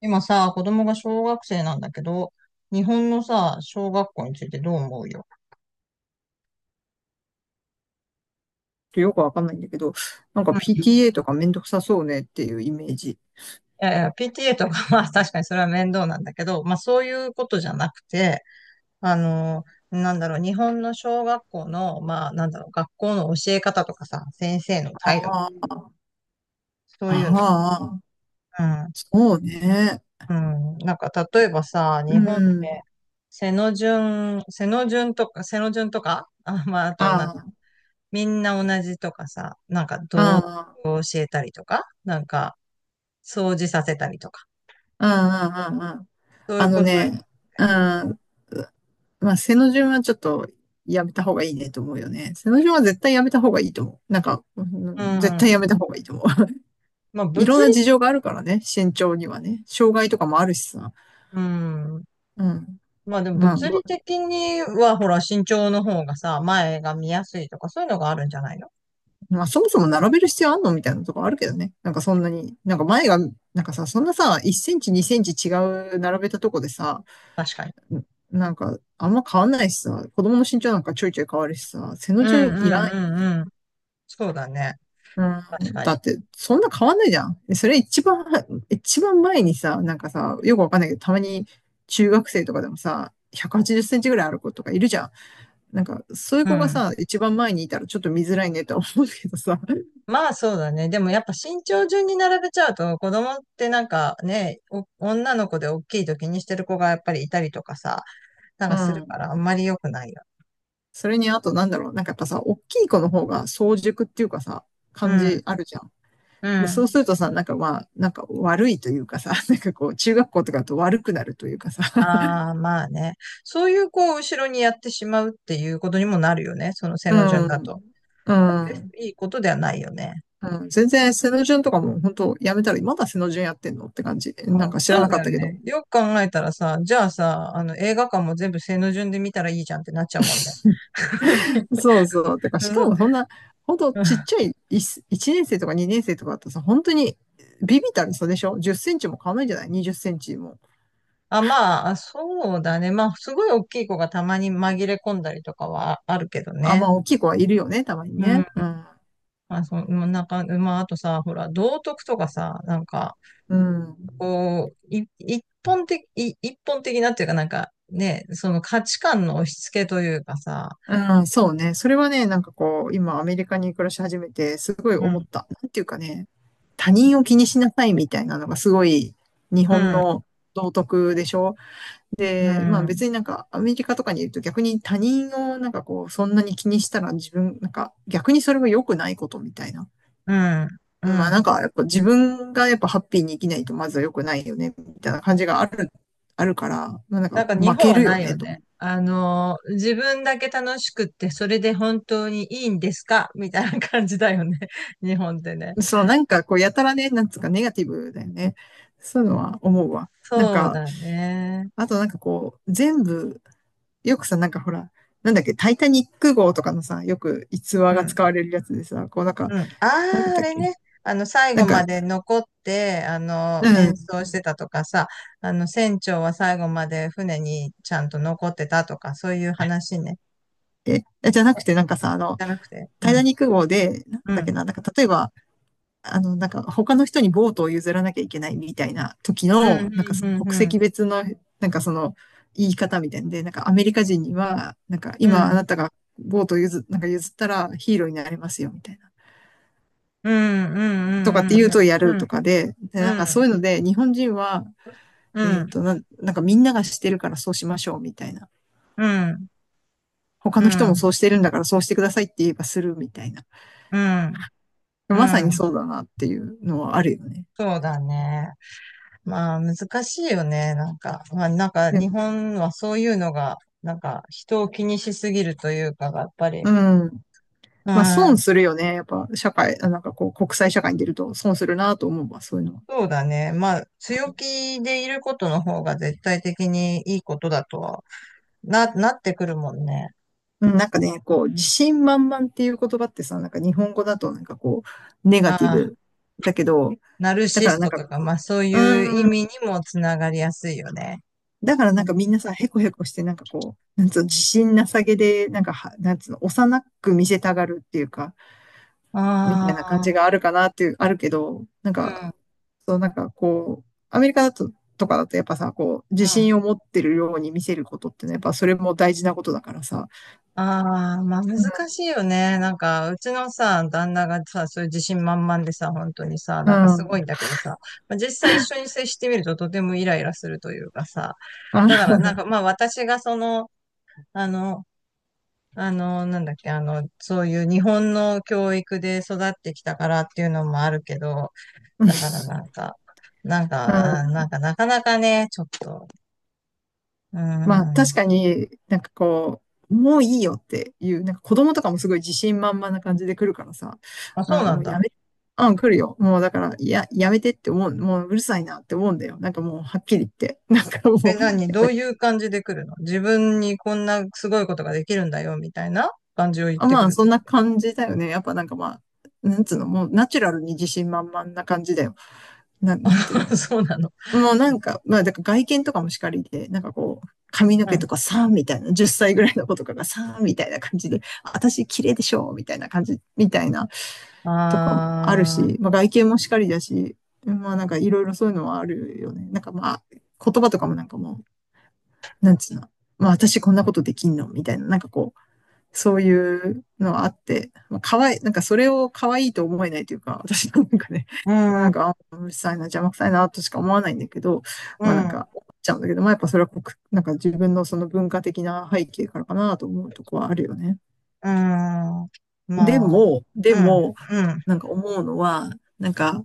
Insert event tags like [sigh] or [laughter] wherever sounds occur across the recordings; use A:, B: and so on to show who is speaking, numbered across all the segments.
A: 今さ、子供が小学生なんだけど、日本のさ、小学校についてどう思うよ。
B: とよくわかんないんだけど、なんか
A: うん。い
B: PTA とかめんどくさそうねっていうイメージ。
A: やいや、PTA とか [laughs] まあ確かにそれは面倒なんだけど、まあそういうことじゃなくて、あの、なんだろう、日本の小学校の、まあなんだろう、学校の教え方とかさ、先生の態度とか、
B: ああ、
A: そういうの。
B: ああそうね。
A: うん。うん。なんか例えばさ、
B: う
A: 日本って、
B: ん。
A: 背の順とか、[laughs] あ、まああと、
B: あ
A: みんな同じとかさ、なんか道徳
B: あ、あ
A: を教えたりとか、なんか掃除させたりとか、
B: あ、ああ、ああ、
A: そうい
B: あ
A: う
B: の
A: ことや。
B: ね、うん、まあ、背の順はちょっとやめた方がいいねと思うよね。背の順は絶対やめた方がいいと思う。なんか、う
A: う
B: ん絶対
A: ん。
B: やめた方がいいと思う。[laughs]
A: まあ
B: いろん
A: 物
B: な
A: 理、
B: 事情があるからね、身長にはね。障害とかもあるしさ。
A: うん。
B: うん。
A: まあでも
B: まあ、
A: 物理的にはほら身長の方がさ、前が見やすいとかそういうのがあるんじゃないの。
B: まあ、そもそも並べる必要あんのみたいなとこあるけどね。なんかそんなに、なんか前が、なんかさ、そんなさ、1センチ、2センチ違う並べたとこでさ、
A: 確かに。
B: なんかあんま変わんないしさ、子供の身長なんかちょいちょい変わるしさ、背の
A: うん
B: 順
A: う
B: いら
A: ん
B: ない。
A: うんうん。そうだね。
B: う
A: 確
B: ん、
A: か
B: だ
A: に。
B: って、そんな変わんないじゃん。でそれ一番前にさ、なんかさ、よくわかんないけど、たまに中学生とかでもさ、180センチぐらいある子とかいるじゃん。なんか、そういう
A: う
B: 子が
A: ん。
B: さ、一番前にいたらちょっと見づらいねとは思うけどさ、
A: まあそうだね。でもやっぱ身長順に並べちゃうと子供ってなんかね、女の子で大きいと気にしてる子がやっぱりいたりとかさ、なん
B: う
A: かするか
B: ん。
A: らあんまり良くないよね。
B: それにあとなんだろう、なんかやっぱさ、大きい子の方が早熟っていうかさ、
A: う
B: 感
A: ん、
B: じあるじゃん。
A: う
B: で、そ
A: ん。
B: うするとさ、なんかまあ、なんか悪いというかさ、[laughs] なんかこう、中学校とかだと悪くなるというかさ、
A: ああ、まあね。そういう、こう、後ろにやってしまうっていうことにもなるよね。その
B: [laughs]
A: 背
B: う
A: の順だと。
B: ん、う
A: 別
B: ん、
A: にいいことではないよね。
B: うん。全然、背の順とかも本当やめたら、まだ背の順やってんのって感じ。
A: う
B: なんか
A: ん、
B: 知ら
A: そう
B: なか
A: だ
B: っ
A: よ
B: たけど。
A: ね。よく考えたらさ、じゃあさ、映画館も全部背の順で見たらいいじゃんってなっちゃうもんね。[laughs]
B: そうそう。てか、
A: そ
B: しか
A: う
B: もそんな、本当
A: う
B: ちっ
A: ん
B: ちゃい1、一年生とか2年生とかだとさ、本当にビビったる差でしょ？ 10 センチも変わらないんじゃない？ 20 センチも。
A: あ、まあ、そうだね。まあ、すごい大きい子がたまに紛れ込んだりとかはあるけど
B: あ、
A: ね。
B: まあ、大きい子はいるよね、たまに
A: うん。
B: ね。うん。
A: まあ、そう、うんなんか、まあ、あとさ、ほら、道徳とかさ、なんか、
B: うん。
A: こう、い一本的なっていうかなんかね、その価値観の押し付けというかさ、
B: うん、そうね。それはね、なんかこう、今アメリカに暮らし始めて、すごい
A: う
B: 思っ
A: ん、
B: た。なんていうかね、他人を気にしなさいみたいなのがすごい日
A: う
B: 本
A: ん、
B: の道徳でしょ。
A: う
B: で、まあ
A: ん、
B: 別になんかアメリカとかにいると逆に他人をなんかこう、そんなに気にしたら自分、なんか逆にそれは良くないことみたいな。
A: う
B: まあなん
A: ん。
B: かやっぱ自分がやっぱハッピーに生きないとまずは良くないよね、みたいな感じがある、あるから、まあなんか
A: なんか日
B: 負
A: 本
B: け
A: は
B: る
A: な
B: よ
A: い
B: ね、
A: よ
B: と。
A: ね。自分だけ楽しくって、それで本当にいいんですかみたいな感じだよね。[laughs] 日本ってね。
B: そう、なんかこう、やたらね、なんつうか、ネガティブだよね。そういうのは思うわ。なん
A: そう
B: か、
A: だね。
B: あとなんかこう、全部、よくさ、なんかほら、なんだっけ、タイタニック号とかのさ、よく逸話
A: う
B: が
A: ん
B: 使われるやつでさ、こうなんか、
A: うん。あ
B: なんだっ
A: あ、あ
B: たっ
A: れ
B: け、
A: ね。最
B: な
A: 後
B: んか、
A: まで残って、
B: う
A: 演
B: ん、
A: 奏してたとかさ、船長は最後まで船にちゃんと残ってたとか、そういう話ね。
B: え、じゃなくてなんかさ、あの、
A: じゃなくて。う
B: タイタ
A: ん。
B: ニック号で、なん
A: う
B: だっけ
A: ん。
B: な、なんか例えば、あの、なんか他の人にボートを譲らなきゃいけないみたいな時
A: うん。
B: の、なんかそ
A: う
B: の
A: ん。
B: 国
A: うん。
B: 籍別の、なんかその言い方みたいんで、なんかアメリカ人には、なんか
A: う
B: 今あ
A: ん。
B: なたがボートをなんか譲ったらヒーローになれますよみたいな。
A: うん。
B: とかっ
A: う
B: て言う
A: ん。
B: とや
A: う
B: る
A: ん。
B: とかで、なんかそういう
A: う
B: ので日本人は、
A: ん。
B: ななんかみんながしてるからそうしましょうみたいな。
A: うん。うん。
B: 他
A: うん。
B: の人
A: う
B: もそう
A: ん。
B: してるんだからそうしてくださいって言えばするみたいな。
A: うん。う
B: まさにそ
A: ん。
B: うだなっていうのはあるよね。
A: そうだね。まあ、難しいよね。なんか、まあ、なんか、
B: で、
A: 日本はそういうのが、なんか、人を気にしすぎるというかが、やっぱり、
B: うん。まあ
A: あ
B: 損
A: あ、
B: するよね。やっぱ社会、なんかこう国際社会に出ると損するなと思うわ、そういうのは。
A: そうだね。まあ、強気でいることの方が絶対的にいいことだとは、なってくるもんね。
B: うんなんかね、こう自信満々っていう言葉ってさ、なんか日本語だとなんかこうネガ
A: あ
B: ティ
A: あ、
B: ブだけど、
A: ナル
B: だ
A: シ
B: か
A: ス
B: らなん
A: ト
B: か、
A: とか、まあそういう意
B: うー
A: 味に
B: ん、
A: もつながりやすいよね。
B: だからなんかみんなさ、へこへこしてなんかこう、なんつうの、自信なさげで、なんかは、なんつうの、幼く見せたがるっていうか、みたい
A: あ
B: な感じが
A: あ、
B: あるかなっていう、あるけど、なんか、
A: う
B: そう、なんかこう、アメリカだと、とかだとやっぱさ、こう、自
A: ん、うん。
B: 信を持ってるように見せることってね、やっぱそれも大事なことだからさ。
A: ああ、まあ難しいよね。なんか、うちのさ、旦那がさ、そういう自信満々でさ、本当にさ、
B: う
A: なんか
B: ん、う
A: すご
B: ん、
A: いんだけどさ、まあ、実際一緒に接してみるととてもイライラするというかさ、だから
B: あ、
A: なんかまあ私がその、あの、あの、なんだっけ、そういう日本の教育で育ってきたからっていうのもあるけど、だからなんか、
B: う
A: なん
B: ん。
A: かなかなかね、ちょっと、うー
B: まあ確
A: ん。
B: かになんかこう、もういいよっていう、なんか子供とかもすごい自信満々な感じで来るからさ、
A: あ、そ
B: あ、
A: うな
B: も
A: ん
B: うや
A: だ。
B: め、うん、来るよ。もうだから、いや、やめてって思う、もううるさいなって思うんだよ。なんかもうはっきり言って。なんかも
A: え、
B: う、
A: 何
B: やっ
A: ど
B: ぱ
A: ういう感じで来るの自分にこんなすごいことができるんだよ、みたいな感じを言っ
B: あ、
A: て
B: ま
A: く
B: あ、
A: るっ
B: そ
A: て
B: ん
A: こ
B: な感じだよね。やっぱなんかまあ、なんつうの、もうナチュラルに自信満々な感じだよ。なんていうの。
A: と [laughs] そうなの。
B: もうなんか、まあ、だから外見とかもしかりで、なんかこう、髪の
A: う
B: 毛
A: ん。
B: とかさーみたいな、10歳ぐらいの子とかがさーみたいな感じで、私綺麗でしょみたいな感じ、みたいなとかもある
A: あー、
B: し、まあ外見もしかりだし、まあなんかいろいろそういうのはあるよね。なんかまあ、言葉とかもなんかもう、なんつうの。まあ私こんなことできんのみたいな、なんかこう、そういうのあって、まあ、かわい、なんかそれを可愛いと思えないというか、私のなんかね、[laughs]
A: う
B: まあ、な
A: ん、
B: んか、あうるさいな、邪魔くさいな、としか思わないんだけど、
A: う
B: まあなん
A: ん、
B: か、思っちゃうんだけど、まあやっぱそれは国、なんか自分のその文化的な背景からかなと思うとこはあるよね。
A: うん。
B: で
A: まあ、
B: も、で
A: うん、
B: も、
A: うん、
B: なんか思うのは、なんか、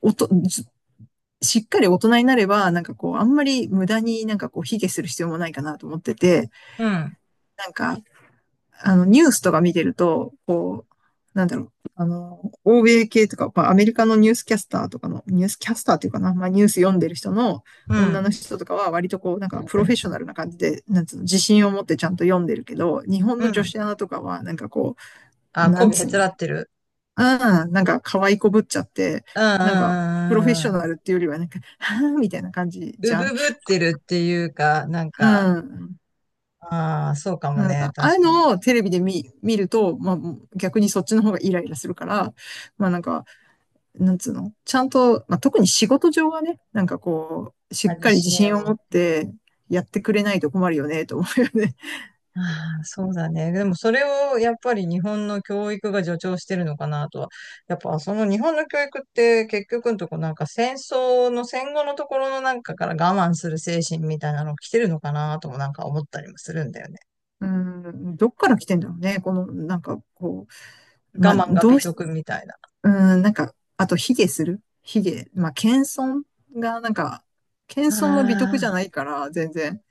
B: おと、ししっかり大人になれば、なんかこう、あんまり無駄になんかこう、卑下する必要もないかなと思ってて、
A: うん、
B: なんか、あの、ニュースとか見てると、こう、なんだろう、あの、欧米系とか、まあ、アメリカのニュースキャスターとかの、ニュースキャスターっていうかな、まあ、ニュース読んでる人の
A: う
B: 女の
A: ん、
B: 人とかは、割とこう、なんか、プロフェッショナルな感じで、なんつうの、自信を持ってちゃんと読んでるけど、日本
A: う
B: の女
A: ん。
B: 子アナとかは、なんかこう、
A: あ、
B: なん
A: 媚びへ
B: つう
A: つ
B: の、
A: らってる
B: ああ、なんか、可愛いこぶっちゃって、
A: うんうん
B: なんか、プロフェッ
A: うん
B: シ
A: う
B: ョ
A: ん。
B: ナルっていうよりは、なんか、はぁみたいな感じじ
A: う
B: ゃん。
A: ぶぶってるっていうか、なん
B: う
A: か、
B: ん。
A: ああ、そうか
B: う
A: も
B: ん
A: ね。
B: ああい
A: 確
B: う
A: かに。
B: のをテレビで見ると、まあ、逆にそっちの方がイライラするから、まあなんか、なんつうの、ちゃんと、まあ特に仕事上はね、なんかこう、し
A: ま
B: っ
A: あ、自
B: かり自
A: 信は
B: 信を
A: も
B: 持っ
A: う。
B: てやってくれないと困るよね、と思うよね。
A: ああ、そうだね。でもそれをやっ
B: [laughs]
A: ぱり日本の教育が助長してるのかなとは。やっぱその日本の教育って結局のとこなんか戦争の戦後のところのなんかから我慢する精神みたいなの来てるのかなともなんか思ったりもするんだよね。
B: うん、どっから来てんだろうね、この、なんかこう、
A: 我
B: まあ
A: 慢が
B: ど
A: 美
B: うし、
A: 徳みたいな。
B: うん、なんか、あと卑下する卑下、まあ謙遜が、なんか、謙遜は美徳じ
A: あ
B: ゃないから、全然。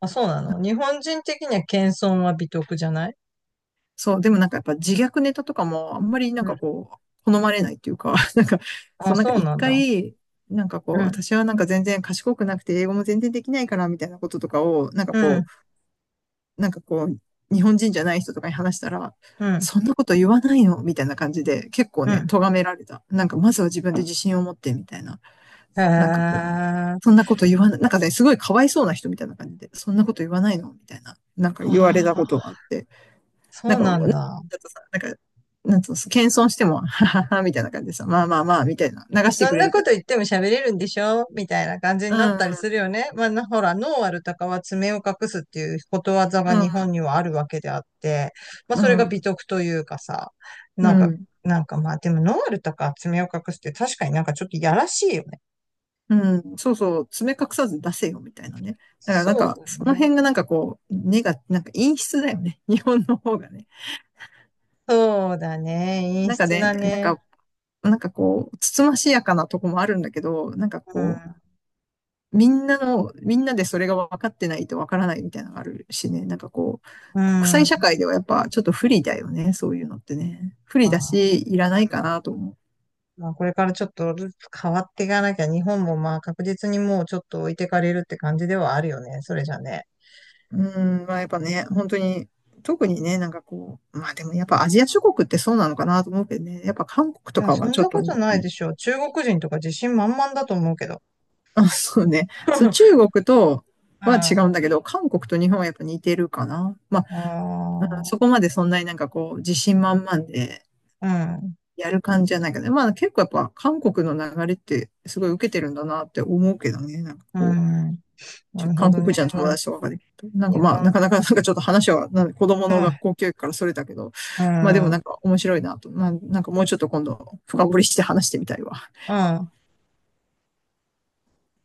A: あ、あ、そうなの。日本人的には謙遜は美徳じゃない。
B: そう、でもなんかやっぱ自虐ネタとかもあんまりなん
A: う
B: か
A: ん。
B: こう、好まれないっていうか、[laughs] なんか、そ
A: あ、
B: うなんか
A: そう
B: 一
A: なんだ。
B: 回、なんかこう、
A: うん、
B: 私はなんか全然賢くなくて英語も全然できないからみたいなこととかを、なんか
A: う
B: こ
A: ん、
B: う、なんかこう、日本人じゃない人とかに話したら、
A: うん、
B: そんなこと言わないのみたいな感じで、結構
A: う
B: ね、
A: ん。
B: 咎められた。なんかまずは自分で自信を持ってみたいな。
A: へえ。
B: なんかこう、
A: あ
B: そんなこと言わない、なんかね、すごいかわいそうな人みたいな感じで、そんなこと言わないのみたいな、なんか言われたこと
A: あ、
B: があって。な
A: そ
B: ん
A: う
B: か、なん
A: な
B: か
A: ん
B: ちょ
A: だ。
B: っとさ、なんか、なんつうの、謙遜しても、[laughs] ははは、みたいな感じでさ、まあまあまあ、みたいな、流し
A: そ
B: てく
A: ん
B: れ
A: な
B: る
A: こ
B: けど。
A: と言っても喋れるんでしょみたいな感じに
B: う
A: なっ
B: ん、
A: たりするよね。まあ、ほら、ノーアルタカは爪を隠すっていうことわざが
B: うん、
A: 日本にはあるわけであって、まあ、
B: う
A: それが美
B: ん、
A: 徳というかさ、
B: う
A: なんか、
B: ん、
A: なんかまあ、でもノーアルタカは爪を隠すって確かになんかちょっとやらしいよね。
B: うん、そうそう、爪隠さず出せよ、みたいなね。だからなん
A: そう
B: か、
A: だ
B: その
A: ね。
B: 辺がなんかこう、根が、なんか陰湿だよね。[laughs] 日本の方がね。
A: そうだね。陰
B: なんか
A: 湿
B: ね、
A: だ
B: なん
A: ね。
B: か、なんかこう、つつましやかなとこもあるんだけど、なんか
A: う
B: こう、
A: ん。
B: みんなの、みんなでそれが分かってないと分からないみたいなのがあるしね、なんかこ
A: う
B: う、国際社
A: ん。
B: 会ではやっぱちょっと不利だよね、そういうのってね。不
A: ま
B: 利だ
A: あ。
B: し、いらないかなと思う。
A: まあ、これからちょっとずつ変わっていかなきゃ、日本もまあ確実にもうちょっと置いてかれるって感じではあるよね。それじゃね。
B: うん、まあやっぱね、本当に、特にね、なんかこう、まあでもやっぱアジア諸国ってそうなのかなと思うけどね、やっぱ韓国
A: い
B: と
A: や、
B: か
A: そ
B: は
A: ん
B: ちょっ
A: な
B: と
A: こ
B: [laughs]
A: とないでしょ中国人とか自信満々だと思うけど。
B: あ、そうね、そう、中
A: [laughs]
B: 国とは違う
A: あ
B: んだけど、韓国と日本はやっぱ似てるかな。まあ、
A: あ、
B: う
A: う
B: んそこまでそんなになんかこう、自信満々で、
A: ん、
B: やる感じじゃないけど、ねまあ結構やっぱ韓国の流れってすごい受けてるんだなって思うけどね、なんか
A: う
B: こう、
A: ん。なるほ
B: 韓
A: ど
B: 国
A: ね。
B: 人の
A: ま
B: 友
A: あ
B: 達とかで、なんか
A: 日
B: まあな
A: 本、
B: かなかなんかちょっと話はなん子供の学校教育からそれたけど、
A: う
B: まあで
A: ん、
B: も
A: う
B: なん
A: ん、
B: か面白いなと、まあなんかもうちょっと今度深掘りして話してみたいわ。
A: うん。